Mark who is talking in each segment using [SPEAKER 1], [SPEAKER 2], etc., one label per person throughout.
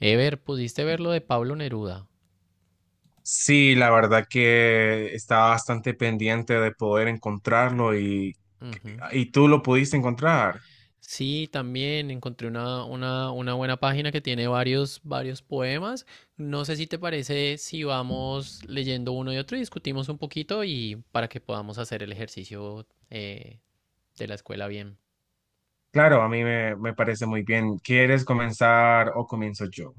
[SPEAKER 1] Ever, ¿pudiste ver lo de Pablo Neruda?
[SPEAKER 2] Sí, la verdad que estaba bastante pendiente de poder encontrarlo y,
[SPEAKER 1] Ujú.
[SPEAKER 2] y tú lo pudiste encontrar.
[SPEAKER 1] Sí, también encontré una buena página que tiene varios poemas. No sé si te parece si vamos leyendo uno y otro y discutimos un poquito y para que podamos hacer el ejercicio de la escuela bien.
[SPEAKER 2] Claro, a mí me parece muy bien. ¿Quieres comenzar o comienzo yo?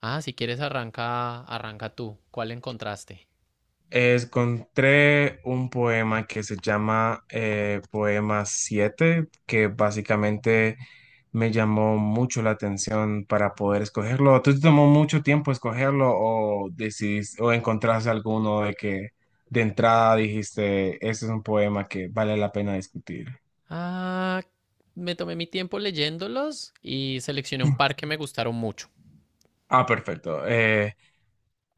[SPEAKER 1] Ah, si quieres arranca tú. ¿Cuál encontraste?
[SPEAKER 2] Encontré un poema que se llama Poema 7, que básicamente me llamó mucho la atención para poder escogerlo. ¿Tú te tomó mucho tiempo escogerlo o decidiste, o encontraste alguno de que de entrada dijiste, este es un poema que vale la pena discutir?
[SPEAKER 1] Ah, Me tomé mi tiempo leyéndolos y seleccioné un par que me gustaron mucho.
[SPEAKER 2] Ah, perfecto. Eh,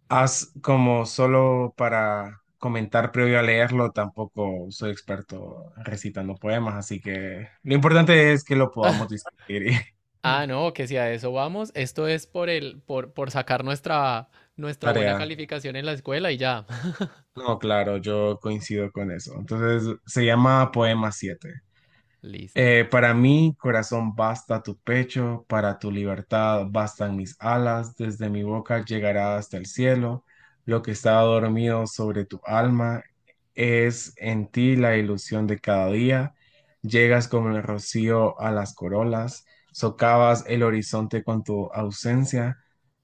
[SPEAKER 2] Haz como solo para comentar previo a leerlo, tampoco soy experto recitando poemas, así que lo importante es que lo podamos discutir. y-
[SPEAKER 1] Ah, no, que si a eso vamos, esto es por por sacar nuestra buena
[SPEAKER 2] Tarea.
[SPEAKER 1] calificación en la escuela y ya.
[SPEAKER 2] No, claro, yo coincido con eso. Entonces, se llama Poema siete.
[SPEAKER 1] Listo.
[SPEAKER 2] Para mí, corazón, basta tu pecho, para tu libertad bastan mis alas, desde mi boca llegará hasta el cielo, lo que está dormido sobre tu alma es en ti la ilusión de cada día, llegas como el rocío a las corolas, socavas el horizonte con tu ausencia,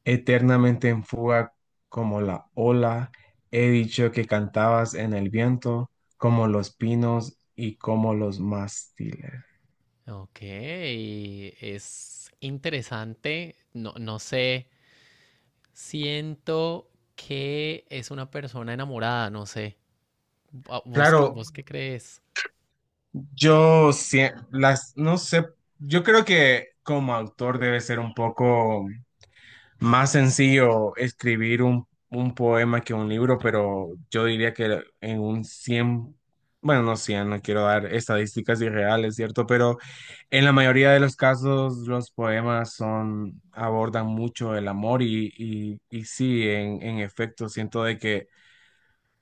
[SPEAKER 2] eternamente en fuga como la ola, he dicho que cantabas en el viento, como los pinos y como los mástiles.
[SPEAKER 1] Ok, es interesante. No, no sé, siento que es una persona enamorada, no sé.
[SPEAKER 2] Claro,
[SPEAKER 1] Vos qué crees?
[SPEAKER 2] yo sí, las, no sé, yo creo que como autor debe ser un poco más sencillo escribir un poema que un libro, pero yo diría que en un cien, bueno, no cien, no quiero dar estadísticas irreales, ¿cierto? Pero en la mayoría de los casos los poemas son, abordan mucho el amor y sí, en efecto, siento de que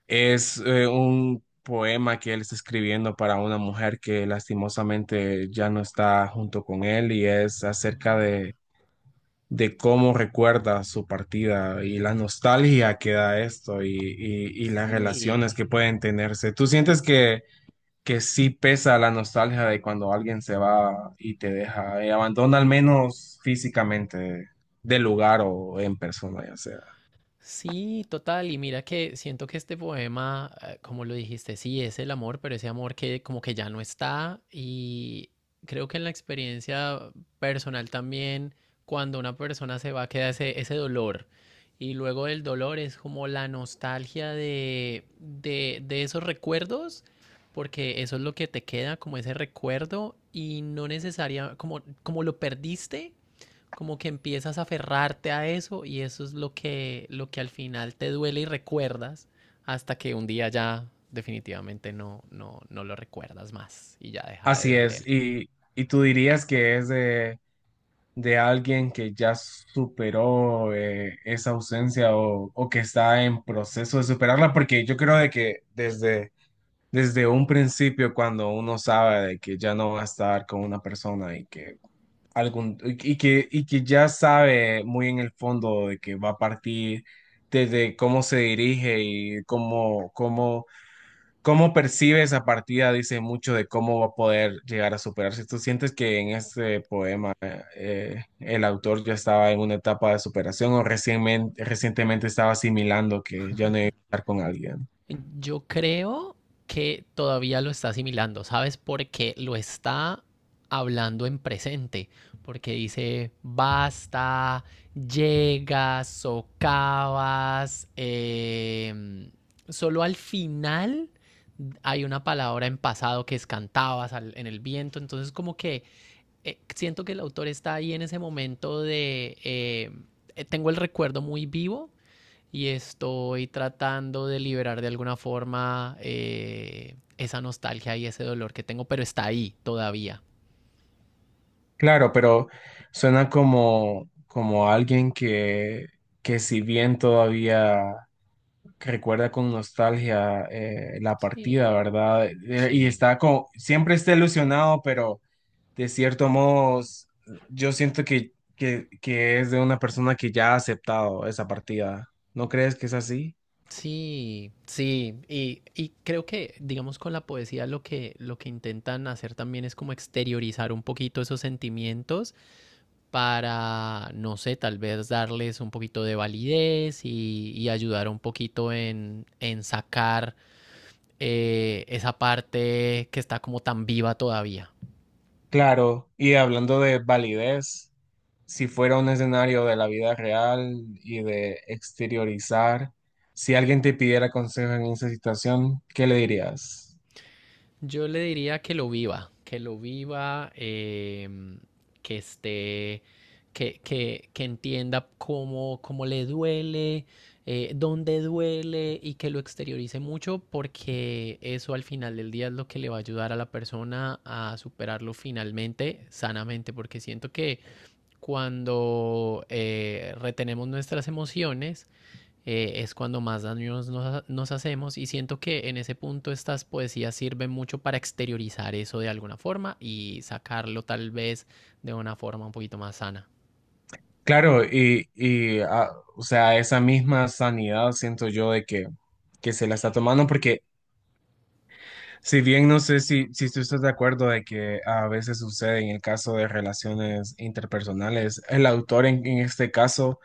[SPEAKER 2] es un poema que él está escribiendo para una mujer que lastimosamente ya no está junto con él y es acerca
[SPEAKER 1] Ah,
[SPEAKER 2] de cómo recuerda su partida y la nostalgia que da esto y las relaciones
[SPEAKER 1] sí.
[SPEAKER 2] que pueden tenerse. ¿Tú sientes que, sí pesa la nostalgia de cuando alguien se va y te deja y abandona al menos físicamente del lugar o en persona, ya sea?
[SPEAKER 1] Sí, total. Y mira que siento que este poema, como lo dijiste, sí es el amor, pero ese amor que como que ya no está. Y creo que en la experiencia personal también, cuando una persona se va, queda ese dolor. Y luego del dolor es como la nostalgia de esos recuerdos, porque eso es lo que te queda, como ese recuerdo, y no necesaria, como, como lo perdiste como que empiezas a aferrarte a eso y eso es lo que al final te duele y recuerdas hasta que un día ya definitivamente no lo recuerdas más y ya deja de
[SPEAKER 2] Así es.
[SPEAKER 1] doler.
[SPEAKER 2] Y tú dirías que es de alguien que ya superó esa ausencia o que está en proceso de superarla, porque yo creo de que desde un principio, cuando uno sabe de que ya no va a estar con una persona y que y que ya sabe muy en el fondo de que va a partir desde cómo se dirige y ¿cómo percibe esa partida? Dice mucho de cómo va a poder llegar a superarse. ¿Tú sientes que en este poema el autor ya estaba en una etapa de superación o recientemente estaba asimilando que ya no iba a estar con alguien?
[SPEAKER 1] Yo creo que todavía lo está asimilando, ¿sabes? Porque lo está hablando en presente, porque dice basta, llegas, socavas, solo al final hay una palabra en pasado que es en el viento, entonces como que siento que el autor está ahí en ese momento de, tengo el recuerdo muy vivo y estoy tratando de liberar de alguna forma esa nostalgia y ese dolor que tengo, pero está ahí todavía.
[SPEAKER 2] Claro, pero suena como alguien que si bien todavía que recuerda con nostalgia la partida,
[SPEAKER 1] Sí,
[SPEAKER 2] ¿verdad? Y
[SPEAKER 1] sí,
[SPEAKER 2] está como, siempre está ilusionado, pero de cierto modo yo siento que es de una persona que ya ha aceptado esa partida. ¿No crees que es así?
[SPEAKER 1] sí, sí. Y creo que, digamos, con la poesía lo que intentan hacer también es como exteriorizar un poquito esos sentimientos para, no sé, tal vez darles un poquito de validez y ayudar un poquito en sacar esa parte que está como tan viva todavía.
[SPEAKER 2] Claro, y hablando de validez, si fuera un escenario de la vida real y de exteriorizar, si alguien te pidiera consejo en esa situación, ¿qué le dirías?
[SPEAKER 1] Yo le diría que lo viva, que lo viva, que esté, que entienda cómo, cómo le duele, dónde duele y que lo exteriorice mucho porque eso al final del día es lo que le va a ayudar a la persona a superarlo finalmente, sanamente, porque siento que cuando retenemos nuestras emociones, es cuando más daños hacemos y siento que en ese punto estas poesías sirven mucho para exteriorizar eso de alguna forma y sacarlo tal vez de una forma un poquito más sana.
[SPEAKER 2] Claro, y o sea, esa misma sanidad siento yo de que se la está tomando, porque si bien no sé si, tú estás de acuerdo de que a veces sucede en el caso de relaciones interpersonales, el autor en este caso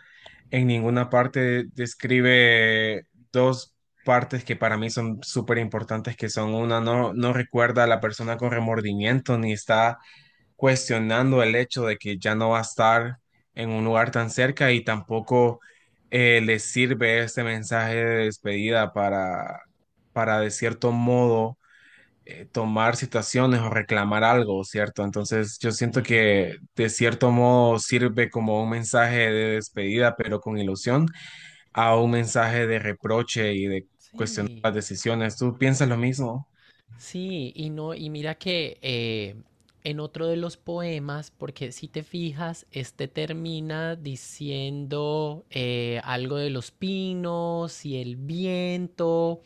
[SPEAKER 2] en ninguna parte describe dos partes que para mí son súper importantes, que son una, no, no recuerda a la persona con remordimiento, ni está cuestionando el hecho de que ya no va a estar en un lugar tan cerca y tampoco le sirve este mensaje de despedida para de cierto modo tomar situaciones o reclamar algo, ¿cierto? Entonces yo siento
[SPEAKER 1] Sí,
[SPEAKER 2] que de cierto modo sirve como un mensaje de despedida, pero con ilusión, a un mensaje de reproche y de cuestionar las
[SPEAKER 1] sí.
[SPEAKER 2] decisiones. ¿Tú piensas lo mismo?
[SPEAKER 1] Sí, y no, y mira que en otro de los poemas, porque si te fijas, este termina diciendo algo de los pinos y el viento,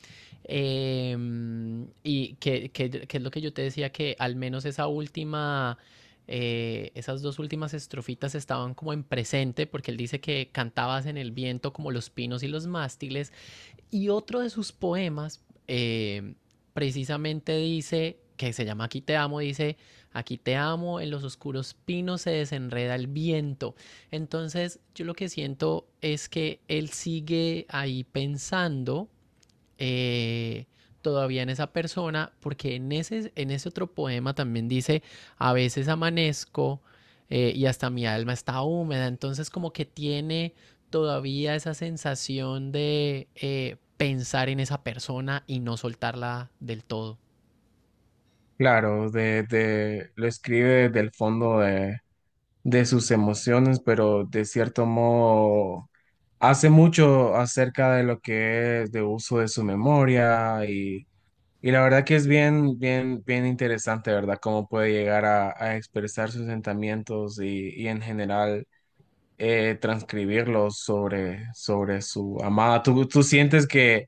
[SPEAKER 1] y que es lo que yo te decía, que al menos esa última, esas dos últimas estrofitas estaban como en presente, porque él dice que cantabas en el viento como los pinos y los mástiles. Y otro de sus poemas eh, precisamente dice, que se llama Aquí te amo, dice, aquí te amo, en los oscuros pinos se desenreda el viento. Entonces yo lo que siento es que él sigue ahí pensando eh, todavía en esa persona, porque en ese otro poema también dice, a veces amanezco y hasta mi alma está húmeda, entonces como que tiene todavía esa sensación de pensar en esa persona y no soltarla del todo.
[SPEAKER 2] Claro, lo escribe del fondo de sus emociones, pero de cierto modo hace mucho acerca de lo que es de uso de su memoria y la verdad que es bien, bien, bien interesante, ¿verdad? Cómo puede llegar a expresar sus sentimientos y en general transcribirlos sobre su amada. ¿Tú sientes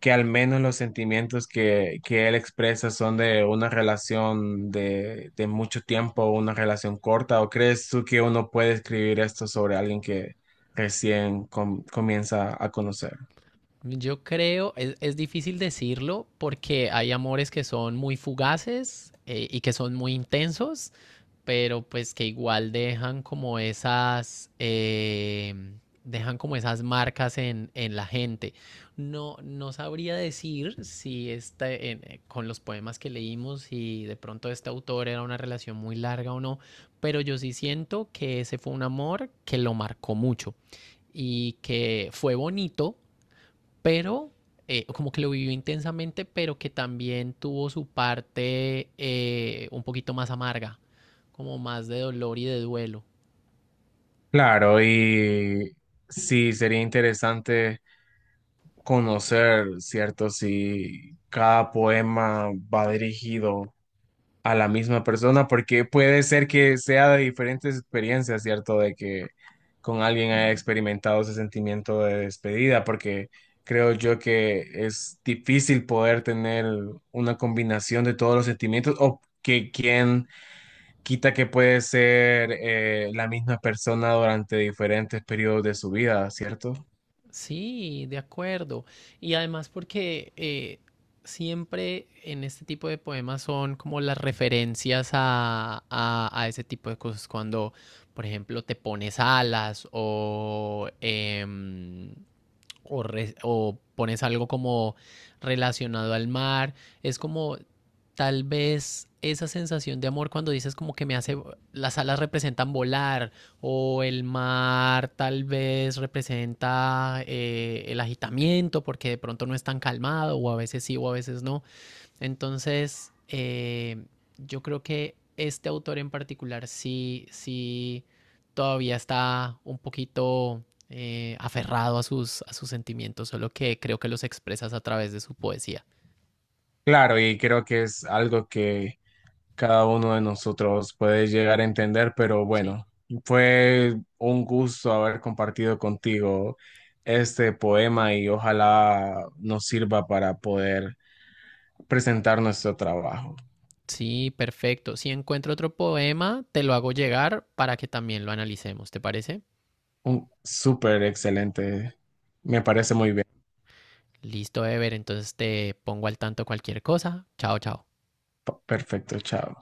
[SPEAKER 2] que al menos los sentimientos que él expresa son de una relación de mucho tiempo, una relación corta? ¿O crees tú que uno puede escribir esto sobre alguien que recién comienza a conocer?
[SPEAKER 1] Yo creo, es difícil decirlo porque hay amores que son muy fugaces y que son muy intensos, pero pues que igual dejan como esas marcas en la gente. No, no sabría decir si con los poemas que leímos, si de pronto este autor era una relación muy larga o no, pero yo sí siento que ese fue un amor que lo marcó mucho y que fue bonito pero como que lo vivió intensamente, pero que también tuvo su parte un poquito más amarga, como más de dolor y de duelo.
[SPEAKER 2] Claro, y sí, sería interesante conocer, ¿cierto? Si cada poema va dirigido a la misma persona, porque puede ser que sea de diferentes experiencias, ¿cierto? De que con alguien haya experimentado ese sentimiento de despedida, porque creo yo que es difícil poder tener una combinación de todos los sentimientos o que quien quita que puede ser la misma persona durante diferentes periodos de su vida, ¿cierto?
[SPEAKER 1] Sí, de acuerdo. Y además porque siempre en este tipo de poemas son como las referencias a, a ese tipo de cosas. Cuando, por ejemplo, te pones alas o o pones algo como relacionado al mar. Es como tal vez esa sensación de amor cuando dices como que me hace, las alas representan volar o el mar tal vez representa el agitamiento porque de pronto no es tan calmado o a veces sí o a veces no. Entonces, yo creo que este autor en particular sí, sí todavía está un poquito aferrado a sus sentimientos, solo que creo que los expresas a través de su poesía.
[SPEAKER 2] Claro, y creo que es algo que cada uno de nosotros puede llegar a entender, pero
[SPEAKER 1] Sí.
[SPEAKER 2] bueno, fue un gusto haber compartido contigo este poema y ojalá nos sirva para poder presentar nuestro trabajo.
[SPEAKER 1] Sí, perfecto. Si encuentro otro poema, te lo hago llegar para que también lo analicemos, ¿te parece?
[SPEAKER 2] Un súper excelente, me parece muy bien.
[SPEAKER 1] Listo, Ever, entonces te pongo al tanto cualquier cosa. Chao, chao.
[SPEAKER 2] Perfecto, chao.